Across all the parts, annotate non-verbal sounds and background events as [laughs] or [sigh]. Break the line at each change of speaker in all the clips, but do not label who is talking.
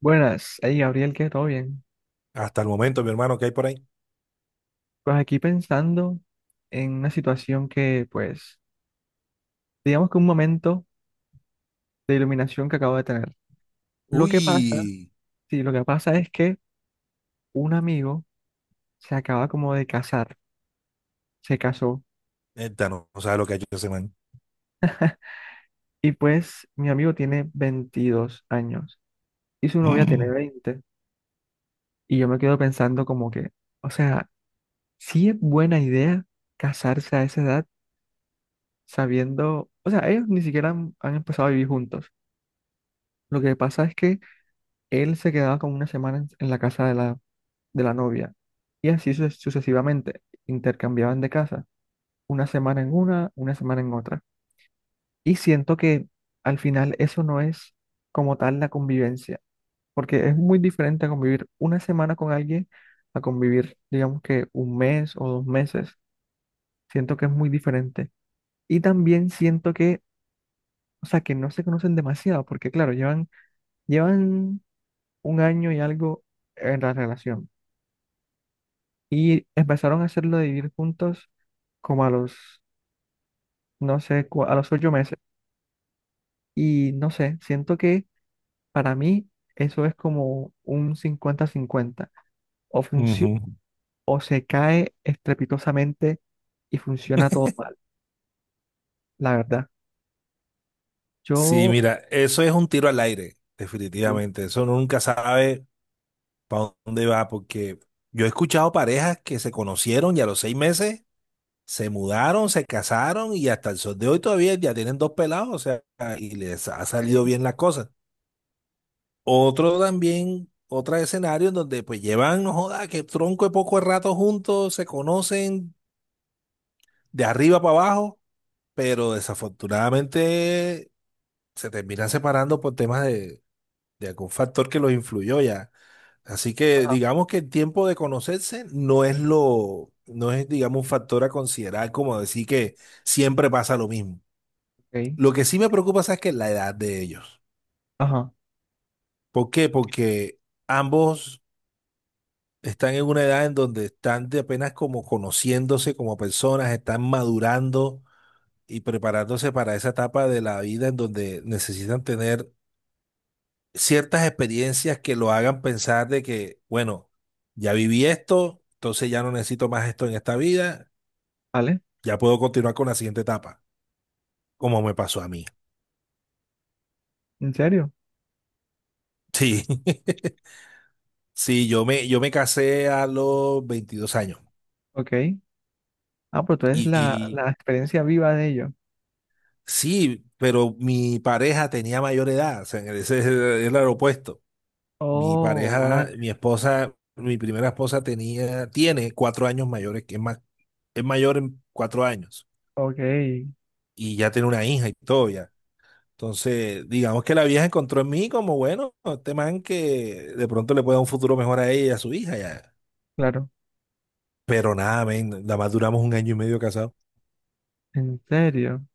Buenas, hey Gabriel, ¿qué? ¿Todo bien?
Hasta el momento, mi hermano, ¿qué hay por ahí?
Pues aquí pensando en una situación que, pues, digamos que un momento de iluminación que acabo de tener. Lo que pasa,
Uy,
sí, lo que pasa es que un amigo se acaba como de casar, se casó,
neta, no, no sabe lo que ha hecho ese man.
y pues mi amigo tiene 22 años y su novia tiene
Mm,
veinte. Y yo me quedo pensando como que, o sea, sí es buena idea casarse a esa edad sabiendo, o sea, ellos ni siquiera han empezado a vivir juntos. Lo que pasa es que él se quedaba como una semana en la casa de la novia y así sucesivamente intercambiaban de casa, una semana en otra. Y siento que al final eso no es como tal la convivencia, porque es muy diferente a convivir una semana con alguien a convivir, digamos que un mes o dos meses. Siento que es muy diferente. Y también siento que, o sea, que no se conocen demasiado, porque claro, llevan, llevan un año y algo en la relación. Y empezaron a hacerlo de vivir juntos como a los, no sé, a los ocho meses. Y no sé, siento que para mí eso es como un cincuenta-cincuenta. O funciona
ujú.
o se cae estrepitosamente y funciona todo mal, la verdad.
Sí,
Yo,
mira, eso es un tiro al aire,
sí,
definitivamente. Eso uno nunca sabe para dónde va, porque yo he escuchado parejas que se conocieron y a los 6 meses se mudaron, se casaron y hasta el sol de hoy todavía ya tienen dos pelados, o sea, y les ha
ok,
salido bien la cosa. Otro también, otro escenario en donde pues llevan, no joda, que tronco de poco de rato juntos, se conocen, de arriba para abajo, pero desafortunadamente se terminan separando por temas de algún factor que los influyó ya. Así que
ajá,
digamos que el tiempo de conocerse no es, digamos, un factor a considerar como decir que siempre pasa lo mismo.
ok,
Lo que sí me preocupa, ¿sabes qué? Es la edad de ellos.
ajá,
¿Por qué? Porque ambos están en una edad en donde están de apenas como conociéndose como personas, están madurando y preparándose para esa etapa de la vida en donde necesitan tener ciertas experiencias que lo hagan pensar de que, bueno, ya viví esto, entonces ya no necesito más esto en esta vida,
¿vale?
ya puedo continuar con la siguiente etapa, como me pasó a mí.
¿En serio?
Sí, [laughs] sí, yo me casé a los 22 años
Ok. Ah, pues tú
y,
eres la,
y
la experiencia viva de ello.
sí, pero mi pareja tenía mayor edad, o sea, ese es el opuesto. Mi
Oh, vale,
pareja, mi esposa, mi primera esposa tenía, tiene 4 años mayores, que es más, es mayor en 4 años.
ok,
Y ya tiene una hija y todo ya. Entonces, digamos que la vieja encontró en mí como, bueno, este man que de pronto le puede dar un futuro mejor a ella y a su hija ya.
claro.
Pero nada, men, nada más duramos un año y medio casados.
¿En serio?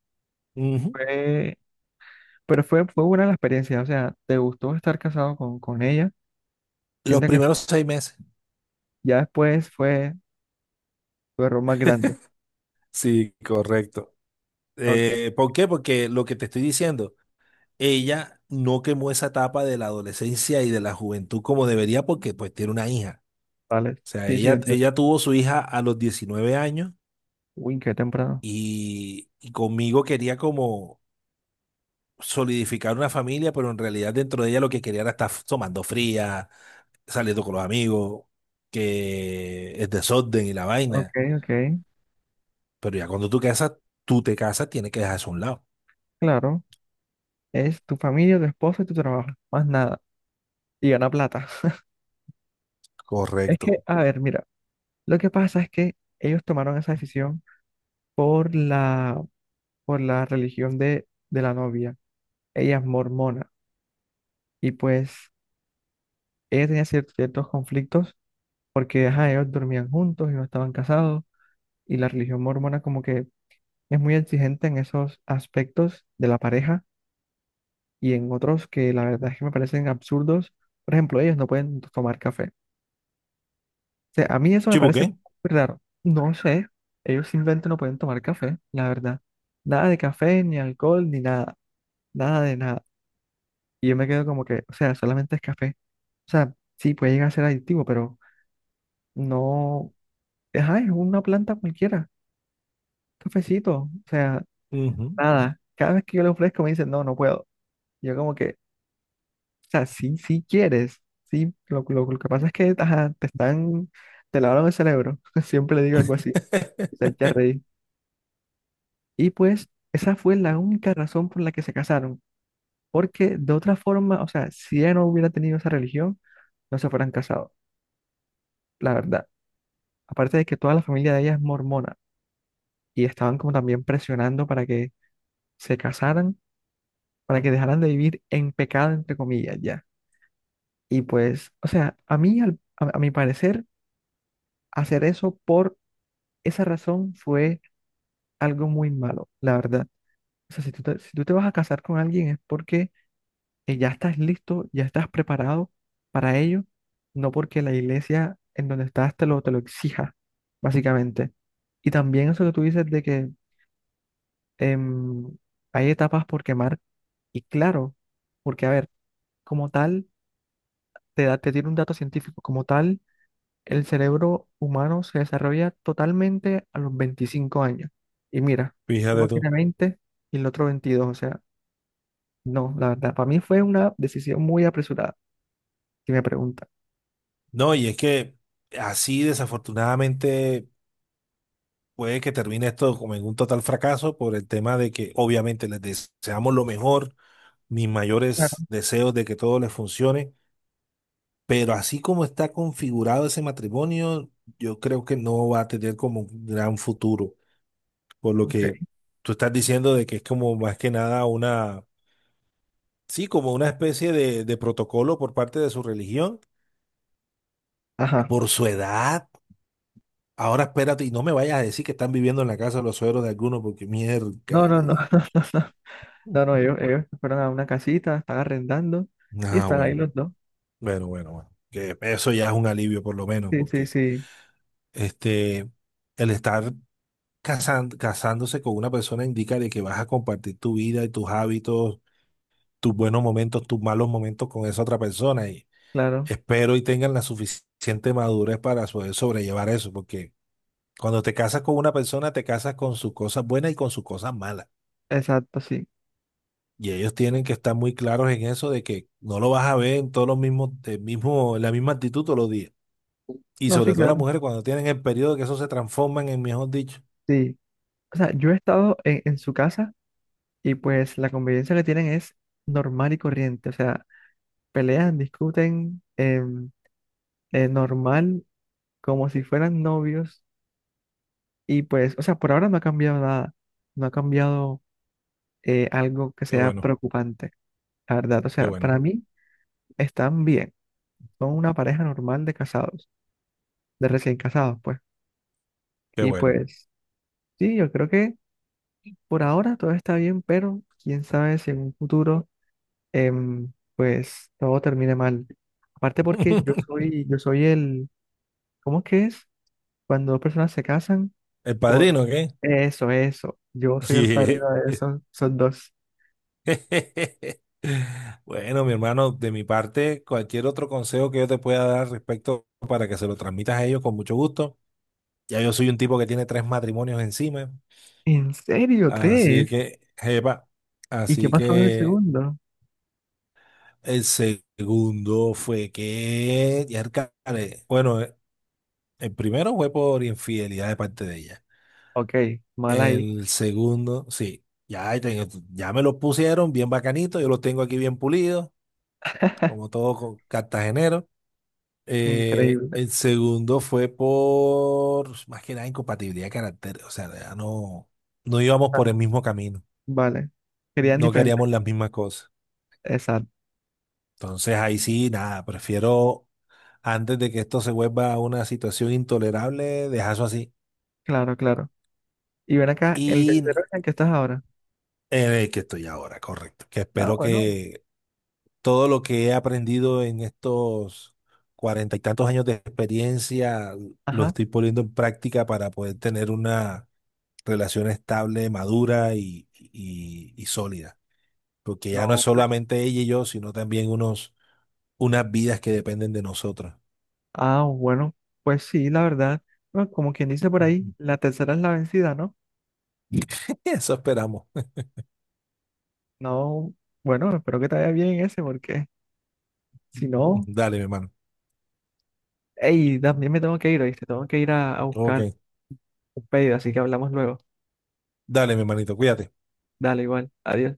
Ujú.
Fue, pero fue, fue buena la experiencia, o sea, te gustó estar casado con ella.
Los
Siente que
primeros 6 meses.
ya después fue tu error más grande.
Sí, correcto.
Ok,
¿Por qué? Porque lo que te estoy diciendo, ella no quemó esa etapa de la adolescencia y de la juventud como debería porque pues tiene una hija.
vale.
O sea,
Sí, sí,
ella,
entiendo.
ella tuvo su hija a los 19 años
Uy, qué temprano.
y conmigo quería como solidificar una familia, pero en realidad dentro de ella lo que quería era estar tomando fría, saliendo con los amigos, que es desorden y la
Ok,
vaina.
ok,
Pero ya cuando tú casas, tú te casas, tienes que dejar eso a un lado.
claro. Es tu familia, tu esposo y tu trabajo, más nada. Y gana plata. [laughs] Es
Correcto.
que, a ver, mira, lo que pasa es que ellos tomaron esa decisión por la, por la religión de la novia. Ella es mormona y pues ella tenía ciertos conflictos porque ajá, ellos dormían juntos y no estaban casados y la religión mormona como que es muy exigente en esos aspectos de la pareja y en otros que la verdad es que me parecen absurdos. Por ejemplo, ellos no pueden tomar café. O sea, a mí eso me
¿Chivo
parece
qué?
muy raro. No sé, ellos simplemente no pueden tomar café, la verdad. Nada de café, ni alcohol, ni nada, nada de nada. Y yo me quedo como que, o sea, solamente es café. O sea, sí, puede llegar a ser adictivo, pero no, ajá, es una planta cualquiera, cafecito, o sea,
Ujú.
nada. Cada vez que yo le ofrezco me dicen, no, no puedo. Yo como que, o sea, sí, sí quieres. Sí, lo que pasa es que ajá, te están, te lavaron el cerebro. [laughs] Siempre le digo algo así. Y se
[laughs]
echa a reír. Y pues, esa fue la única razón por la que se casaron. Porque de otra forma, o sea, si ella no hubiera tenido esa religión, no se fueran casado, la verdad. Aparte de que toda la familia de ella es mormona. Y estaban como también presionando para que se casaran, para que dejaran de vivir en pecado, entre comillas, ya. Y pues, o sea, a mí, a mi parecer, hacer eso por esa razón fue algo muy malo, la verdad. O sea, si tú te, si tú te vas a casar con alguien es porque ya estás listo, ya estás preparado para ello, no porque la iglesia en donde estás te lo exija, básicamente. Y también eso que tú dices de que em, hay etapas por quemar, y claro, porque a ver, como tal, te da, te tiene un dato científico, como tal. El cerebro humano se desarrolla totalmente a los 25 años. Y mira, uno
Fíjate
tiene
tú.
20 y el otro 22. O sea, no, la verdad, para mí fue una decisión muy apresurada, si me preguntan.
No, y es que así desafortunadamente puede que termine esto como en un total fracaso por el tema de que obviamente les deseamos lo mejor, mis
Claro,
mayores deseos de que todo les funcione, pero así como está configurado ese matrimonio, yo creo que no va a tener como un gran futuro, por lo
ok.
que tú estás diciendo de que es como más que nada una, sí, como una especie de protocolo por parte de su religión,
Ajá.
por su edad. Ahora espérate y no me vayas a decir que están viviendo en la casa de los suegros de alguno porque mierda.
No, no, no,
de-
[laughs] no, no, no, no, no, ellos fueron a una casita, están arrendando y
Ah,
están ahí
bueno,
los dos.
bueno, bueno, bueno. Que eso ya es un alivio por lo menos
Sí, sí,
porque
sí,
este, el estar casándose con una persona indica de que vas a compartir tu vida y tus hábitos, tus buenos momentos, tus malos momentos con esa otra persona y
claro,
espero y tengan la suficiente madurez para poder sobrellevar eso porque cuando te casas con una persona te casas con sus cosas buenas y con sus cosas malas.
exacto, sí.
Y ellos tienen que estar muy claros en eso de que no lo vas a ver en todos los mismos, el mismo, la misma actitud todos los días. Y
No, sí,
sobre todo las
claro,
mujeres cuando tienen el periodo que eso se transforman en, mejor dicho.
sí. O sea, yo he estado en su casa y pues la convivencia que tienen es normal y corriente. O sea, pelean, discuten normal, como si fueran novios. Y pues, o sea, por ahora no ha cambiado nada, no ha cambiado algo que
Qué
sea
bueno,
preocupante, la verdad. O
qué
sea,
bueno,
para mí están bien, son una pareja normal de casados, de recién casados, pues.
qué
Y
bueno.
pues, sí, yo creo que por ahora todo está bien, pero quién sabe si en un futuro, pues, todo termine mal. Aparte porque
[laughs]
yo soy el, ¿cómo es que es? Cuando dos personas se casan.
El
Por
padrino, ¿qué?
eso, eso. Yo soy el
Yeah.
padrino de esos, son dos.
[laughs] Bueno, mi hermano, de mi parte, cualquier otro consejo que yo te pueda dar respecto para que se lo transmitas a ellos con mucho gusto. Ya yo soy un tipo que tiene tres matrimonios encima,
¿En serio?
así
¿Tres?
que, jepa,
¿Y qué
así
pasó en el
que
segundo?
el segundo fue que, ya bueno, el primero fue por infidelidad de parte de ella.
Ok, mal ahí.
El segundo, sí, ya, ya me lo pusieron bien bacanito, yo lo tengo aquí bien pulido, como todo cartagenero.
Increíble.
El segundo fue por, más que nada, incompatibilidad de carácter, o sea, ya no, no íbamos
Ah,
por el mismo camino,
vale. Querían
no
diferentes.
queríamos las mismas cosas.
Exacto.
Entonces ahí sí, nada, prefiero antes de que esto se vuelva una situación intolerable, dejarlo así.
Claro, claro. Y ven acá, el
Y
tercero es el que estás ahora.
en el que estoy ahora, correcto. Que
Ah,
espero
bueno.
que todo lo que he aprendido en estos cuarenta y tantos años de experiencia lo
Ajá.
estoy poniendo en práctica para poder tener una relación estable, madura y sólida. Porque ya no es
No, pues.
solamente ella y yo, sino también unos, unas vidas que dependen de nosotros.
Ah, bueno. Pues sí, la verdad. Bueno, como quien dice por ahí, la
[laughs]
tercera es la vencida, ¿no?
Eso esperamos.
No. Bueno, espero que te vaya bien ese, porque si
[laughs]
no.
Dale, mi hermano.
Ey, también me tengo que ir, ¿oíste? Tengo que ir a buscar.
Ok.
Un pedido, así que hablamos luego.
Dale, mi hermanito. Cuídate.
Dale, igual. Adiós.